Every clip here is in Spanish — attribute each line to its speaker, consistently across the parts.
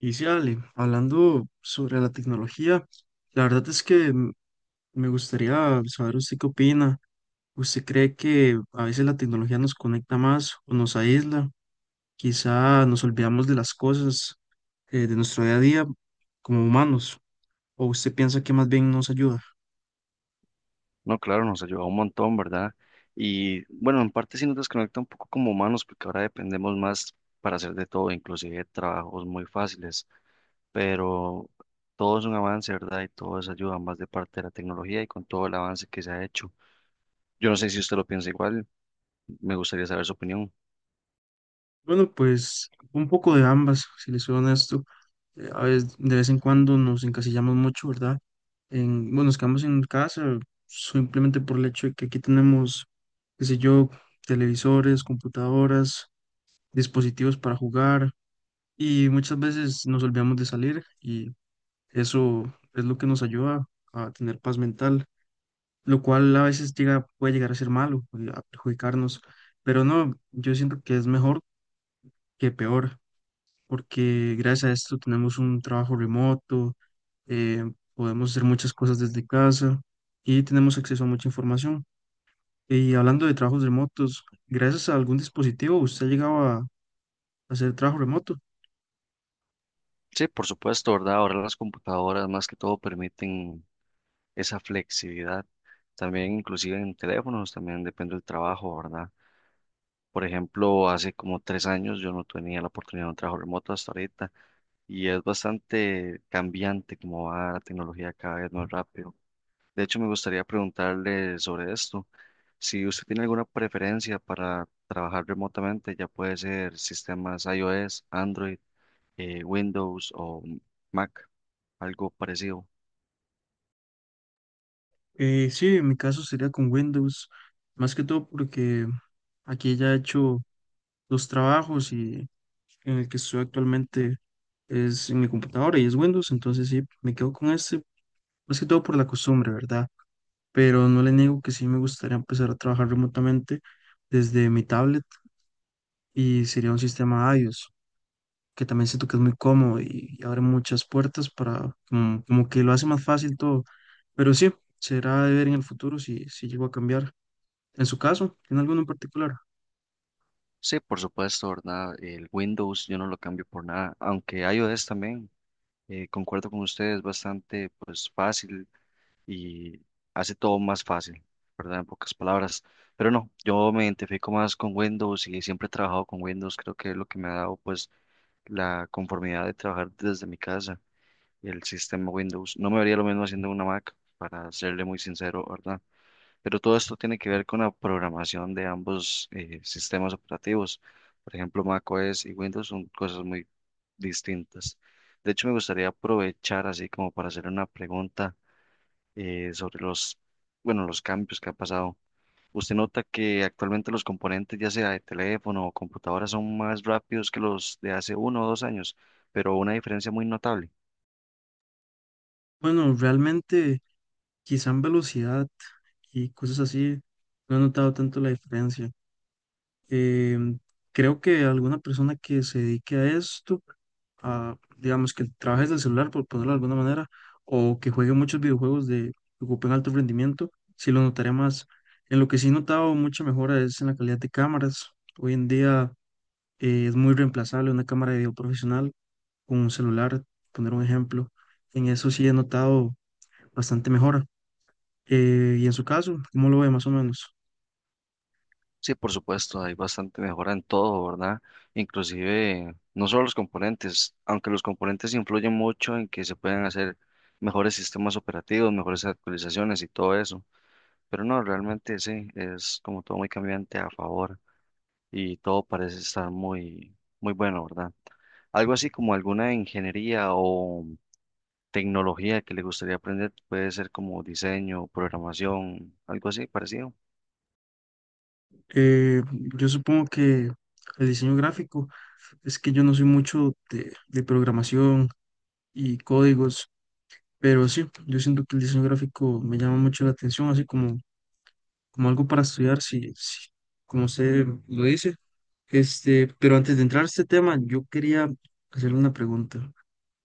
Speaker 1: Y sí, Ale, hablando sobre la tecnología, la verdad es que me gustaría saber usted qué opina. ¿Usted cree que a veces la tecnología nos conecta más o nos aísla? Quizá nos olvidamos de las cosas de nuestro día a día como humanos, o usted piensa que más bien nos ayuda.
Speaker 2: No, claro, nos ayuda un montón, ¿verdad? Y bueno, en parte sí nos desconecta un poco como humanos, porque ahora dependemos más para hacer de todo, inclusive trabajos muy fáciles, pero todo es un avance, ¿verdad? Y todo es ayuda más de parte de la tecnología y con todo el avance que se ha hecho. Yo no sé si usted lo piensa igual, me gustaría saber su opinión.
Speaker 1: Bueno, pues un poco de ambas, si les soy honesto. A veces, de vez en cuando nos encasillamos mucho, ¿verdad? En, bueno, nos quedamos en casa simplemente por el hecho de que aquí tenemos, qué sé yo, televisores, computadoras, dispositivos para jugar y muchas veces nos olvidamos de salir y eso es lo que nos ayuda a tener paz mental, lo cual a veces llega, puede llegar a ser malo, a perjudicarnos, pero no, yo siento que es mejor que peor porque gracias a esto tenemos un trabajo remoto, eh, podemos hacer muchas cosas desde casa y tenemos acceso a mucha información. Y hablando de trabajos remotos, gracias a algún dispositivo usted ha llegado a hacer trabajo remoto.
Speaker 2: Sí, por supuesto, ¿verdad? Ahora las computadoras más que todo permiten esa flexibilidad, también inclusive en teléfonos, también depende del trabajo, ¿verdad? Por ejemplo, hace como 3 años yo no tenía la oportunidad de un trabajo remoto hasta ahorita y es bastante cambiante como va la tecnología cada vez más rápido. De hecho, me gustaría preguntarle sobre esto. Si usted tiene alguna preferencia para trabajar remotamente, ya puede ser sistemas iOS, Android, Windows o Mac, algo parecido.
Speaker 1: Sí, en mi caso sería con Windows, más que todo porque aquí ya he hecho dos trabajos y en el que estoy actualmente es en mi computadora y es Windows, entonces sí, me quedo con este, más que todo por la costumbre, ¿verdad? Pero no le niego que sí me gustaría empezar a trabajar remotamente desde mi tablet y sería un sistema iOS, que también siento que es muy cómodo y abre muchas puertas para, como, como que lo hace más fácil todo. Pero sí, será de ver en el futuro si llego a cambiar. En su caso, ¿tiene alguno en particular?
Speaker 2: Sí, por supuesto, ¿verdad? El Windows yo no lo cambio por nada, aunque iOS también, concuerdo con usted, es bastante pues fácil y hace todo más fácil, ¿verdad? En pocas palabras. Pero no, yo me identifico más con Windows y siempre he trabajado con Windows. Creo que es lo que me ha dado pues la conformidad de trabajar desde mi casa, el sistema Windows. No me vería lo mismo haciendo una Mac, para serle muy sincero, ¿verdad? Pero todo esto tiene que ver con la programación de ambos sistemas operativos. Por ejemplo, macOS y Windows son cosas muy distintas. De hecho, me gustaría aprovechar así como para hacer una pregunta sobre los, bueno, los cambios que ha pasado. ¿Usted nota que actualmente los componentes, ya sea de teléfono o computadora, son más rápidos que los de hace uno o dos años? Pero una diferencia muy notable.
Speaker 1: Bueno, realmente quizá en velocidad y cosas así, no he notado tanto la diferencia. Em, Creo que alguna persona que se dedique a esto a, digamos, que trabaje desde el celular, por ponerlo de alguna manera, o que juegue muchos videojuegos de que ocupen alto rendimiento, sí lo notaré más. En lo que sí he notado mucha mejora es en la calidad de cámaras. Hoy en día es muy reemplazable una cámara de video profesional con un celular, poner un ejemplo. En eso sí he notado bastante mejora. Y en su caso, ¿cómo lo ve más o menos?
Speaker 2: Sí, por supuesto, hay bastante mejora en todo, ¿verdad? Inclusive, no solo los componentes, aunque los componentes influyen mucho en que se puedan hacer mejores sistemas operativos, mejores actualizaciones y todo eso. Pero no, realmente sí, es como todo muy cambiante a favor. Y todo parece estar muy, muy bueno, ¿verdad? Algo así como alguna ingeniería o tecnología que le gustaría aprender, puede ser como diseño, programación, algo así parecido.
Speaker 1: Eh, yo supongo que el diseño gráfico es que yo no soy mucho de programación y códigos. Pero sí, yo siento que el diseño gráfico me llama mucho la atención, así como, como algo para estudiar, si, si, como usted lo dice. Este, pero antes de entrar a este tema, yo quería hacerle una pregunta.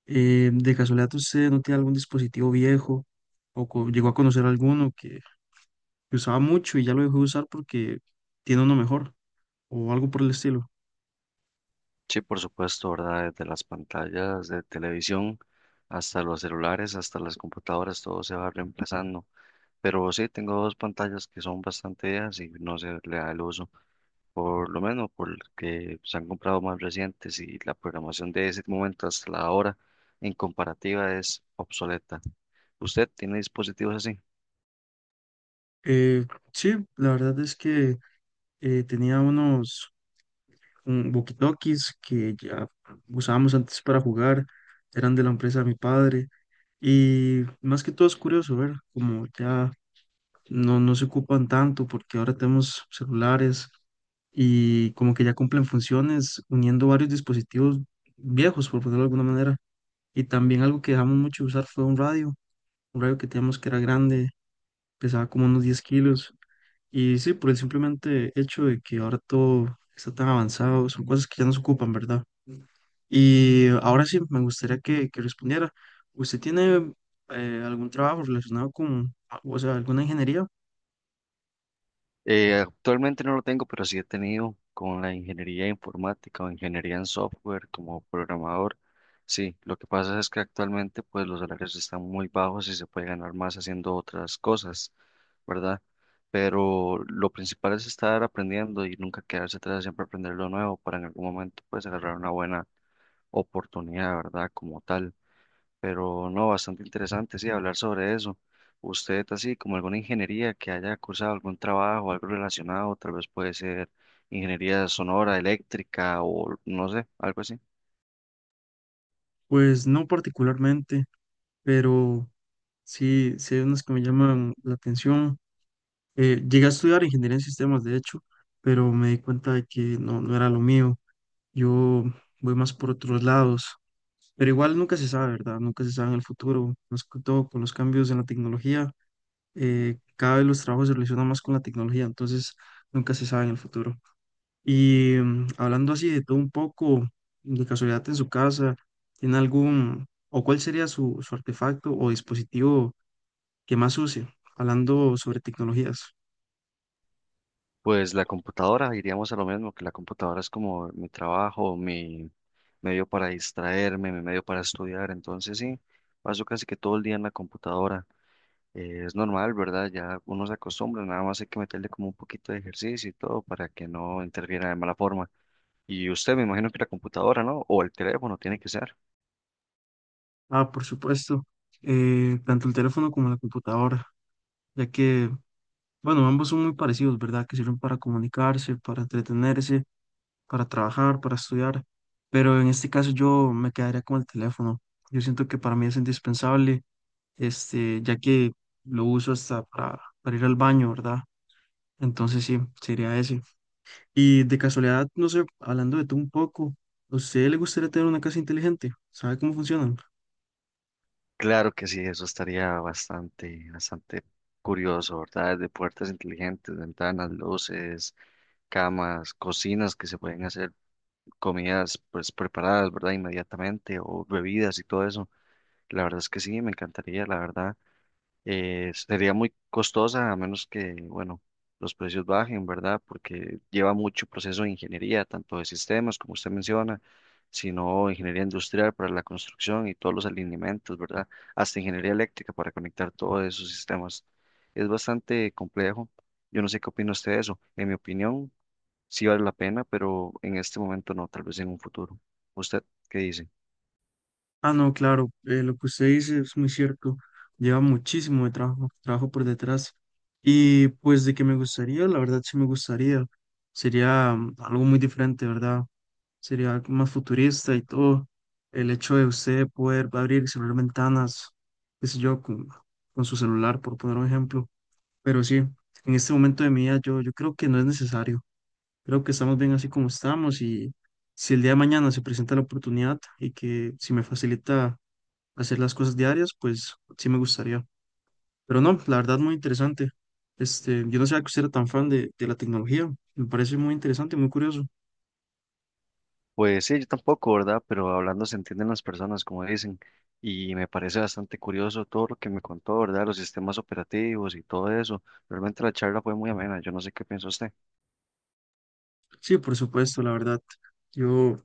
Speaker 1: ¿De casualidad usted no tiene algún dispositivo viejo o llegó a conocer alguno que usaba mucho y ya lo dejó de usar porque tiene uno mejor o algo por el estilo?
Speaker 2: Sí, por supuesto, ¿verdad? Desde las pantallas de televisión hasta los celulares, hasta las computadoras, todo se va reemplazando. Pero sí, tengo 2 pantallas que son bastante viejas y no se le da el uso, por lo menos porque se han comprado más recientes y la programación de ese momento hasta la hora en comparativa es obsoleta. ¿Usted tiene dispositivos así?
Speaker 1: Eh, sí, la verdad es que tenía unos un walkie-talkies que ya usábamos antes para jugar, eran de la empresa de mi padre. Y más que todo es curioso ver como ya no se ocupan tanto porque ahora tenemos celulares y como que ya cumplen funciones uniendo varios dispositivos viejos, por ponerlo de alguna manera. Y también algo que dejamos mucho de usar fue un radio que teníamos que era grande, pesaba como unos 10 kilos. Y sí, por el simplemente hecho de que ahora todo está tan avanzado, son cosas que ya no se ocupan, ¿verdad? Y ahora sí, me gustaría que respondiera. ¿Usted tiene algún trabajo relacionado con, o sea, alguna ingeniería?
Speaker 2: Actualmente no lo tengo, pero sí he tenido con la ingeniería informática o ingeniería en software como programador. Sí, lo que pasa es que actualmente pues los salarios están muy bajos y se puede ganar más haciendo otras cosas, ¿verdad? Pero lo principal es estar aprendiendo y nunca quedarse atrás, siempre aprender lo nuevo para en algún momento pues agarrar una buena oportunidad, ¿verdad? Como tal. Pero no, bastante interesante, sí, hablar sobre eso. Usted, así como alguna ingeniería que haya cursado algún trabajo, algo relacionado, tal vez puede ser ingeniería sonora, eléctrica o no sé, algo así.
Speaker 1: Pues no particularmente, pero sí, sí hay unas que me llaman la atención. Llegué a estudiar ingeniería en sistemas, de hecho, pero me di cuenta de que no, no era lo mío. Yo voy más por otros lados, pero igual nunca se sabe, ¿verdad? Nunca se sabe en el futuro, más que todo con los cambios en la tecnología cada vez los trabajos se relacionan más con la tecnología, entonces nunca se sabe en el futuro. Y hablando así de todo un poco, de casualidad en su casa, ¿tiene algún, o cuál sería su, su artefacto o dispositivo que más use? Hablando sobre tecnologías.
Speaker 2: Pues la computadora, iríamos a lo mismo, que la computadora es como mi trabajo, mi medio para distraerme, mi medio para estudiar. Entonces, sí, paso casi que todo el día en la computadora. Es normal, ¿verdad? Ya uno se acostumbra, nada más hay que meterle como un poquito de ejercicio y todo para que no interfiera de mala forma. Y usted me imagino que la computadora, ¿no? O el teléfono tiene que ser.
Speaker 1: Ah, por supuesto, tanto el teléfono como la computadora, ya que, bueno, ambos son muy parecidos, ¿verdad? Que sirven para comunicarse, para entretenerse para trabajar, para estudiar, pero en este caso yo me quedaría con el teléfono. Yo siento que para mí es indispensable, este, ya que lo uso hasta para ir al baño, ¿verdad? Entonces sí, sería ese. Y de casualidad, no sé, hablando de tú un poco, ¿a usted le gustaría tener una casa inteligente? ¿Sabe cómo funcionan?
Speaker 2: Claro que sí, eso estaría bastante, bastante curioso, ¿verdad? De puertas inteligentes, ventanas, luces, camas, cocinas que se pueden hacer comidas pues preparadas, ¿verdad? Inmediatamente o bebidas y todo eso. La verdad es que sí, me encantaría, la verdad. Sería muy costosa a menos que, bueno, los precios bajen, ¿verdad? Porque lleva mucho proceso de ingeniería, tanto de sistemas, como usted menciona, sino ingeniería industrial para la construcción y todos los alineamientos, ¿verdad? Hasta ingeniería eléctrica para conectar todos esos sistemas. Es bastante complejo. Yo no sé qué opina usted de eso. En mi opinión, sí vale la pena, pero en este momento no, tal vez en un futuro. ¿Usted qué dice?
Speaker 1: Ah, no, claro, lo que usted dice es muy cierto. Lleva muchísimo de trabajo, trabajo por detrás. Y pues de que me gustaría, la verdad sí me gustaría. Sería algo muy diferente, ¿verdad? Sería algo más futurista y todo. El hecho de usted poder abrir y cerrar ventanas, qué sé yo, con su celular, por poner un ejemplo. Pero sí, en este momento de mi vida yo creo que no es necesario. Creo que estamos bien así como estamos y si el día de mañana se presenta la oportunidad y que si me facilita hacer las cosas diarias, pues sí me gustaría. Pero no, la verdad muy interesante. Este, yo no sabía que usted era tan fan de la tecnología. Me parece muy interesante, muy curioso.
Speaker 2: Pues sí, yo tampoco, ¿verdad? Pero hablando se entienden las personas, como dicen, y me parece bastante curioso todo lo que me contó, ¿verdad? Los sistemas operativos y todo eso. Realmente la charla fue muy amena, yo no sé qué piensa usted.
Speaker 1: Sí, por supuesto, la verdad. Yo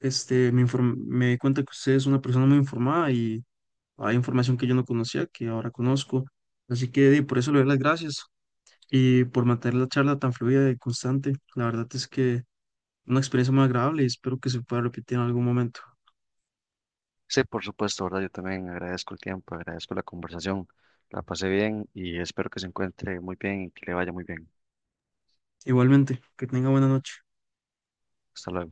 Speaker 1: este, me di cuenta que usted es una persona muy informada y hay información que yo no conocía, que ahora conozco. Así que di, por eso le doy las gracias y por mantener la charla tan fluida y constante. La verdad es que una experiencia muy agradable y espero que se pueda repetir en algún momento.
Speaker 2: Sí, por supuesto, ¿verdad? Yo también agradezco el tiempo, agradezco la conversación, la pasé bien y espero que se encuentre muy bien y que le vaya muy bien.
Speaker 1: Igualmente, que tenga buena noche.
Speaker 2: Hasta luego.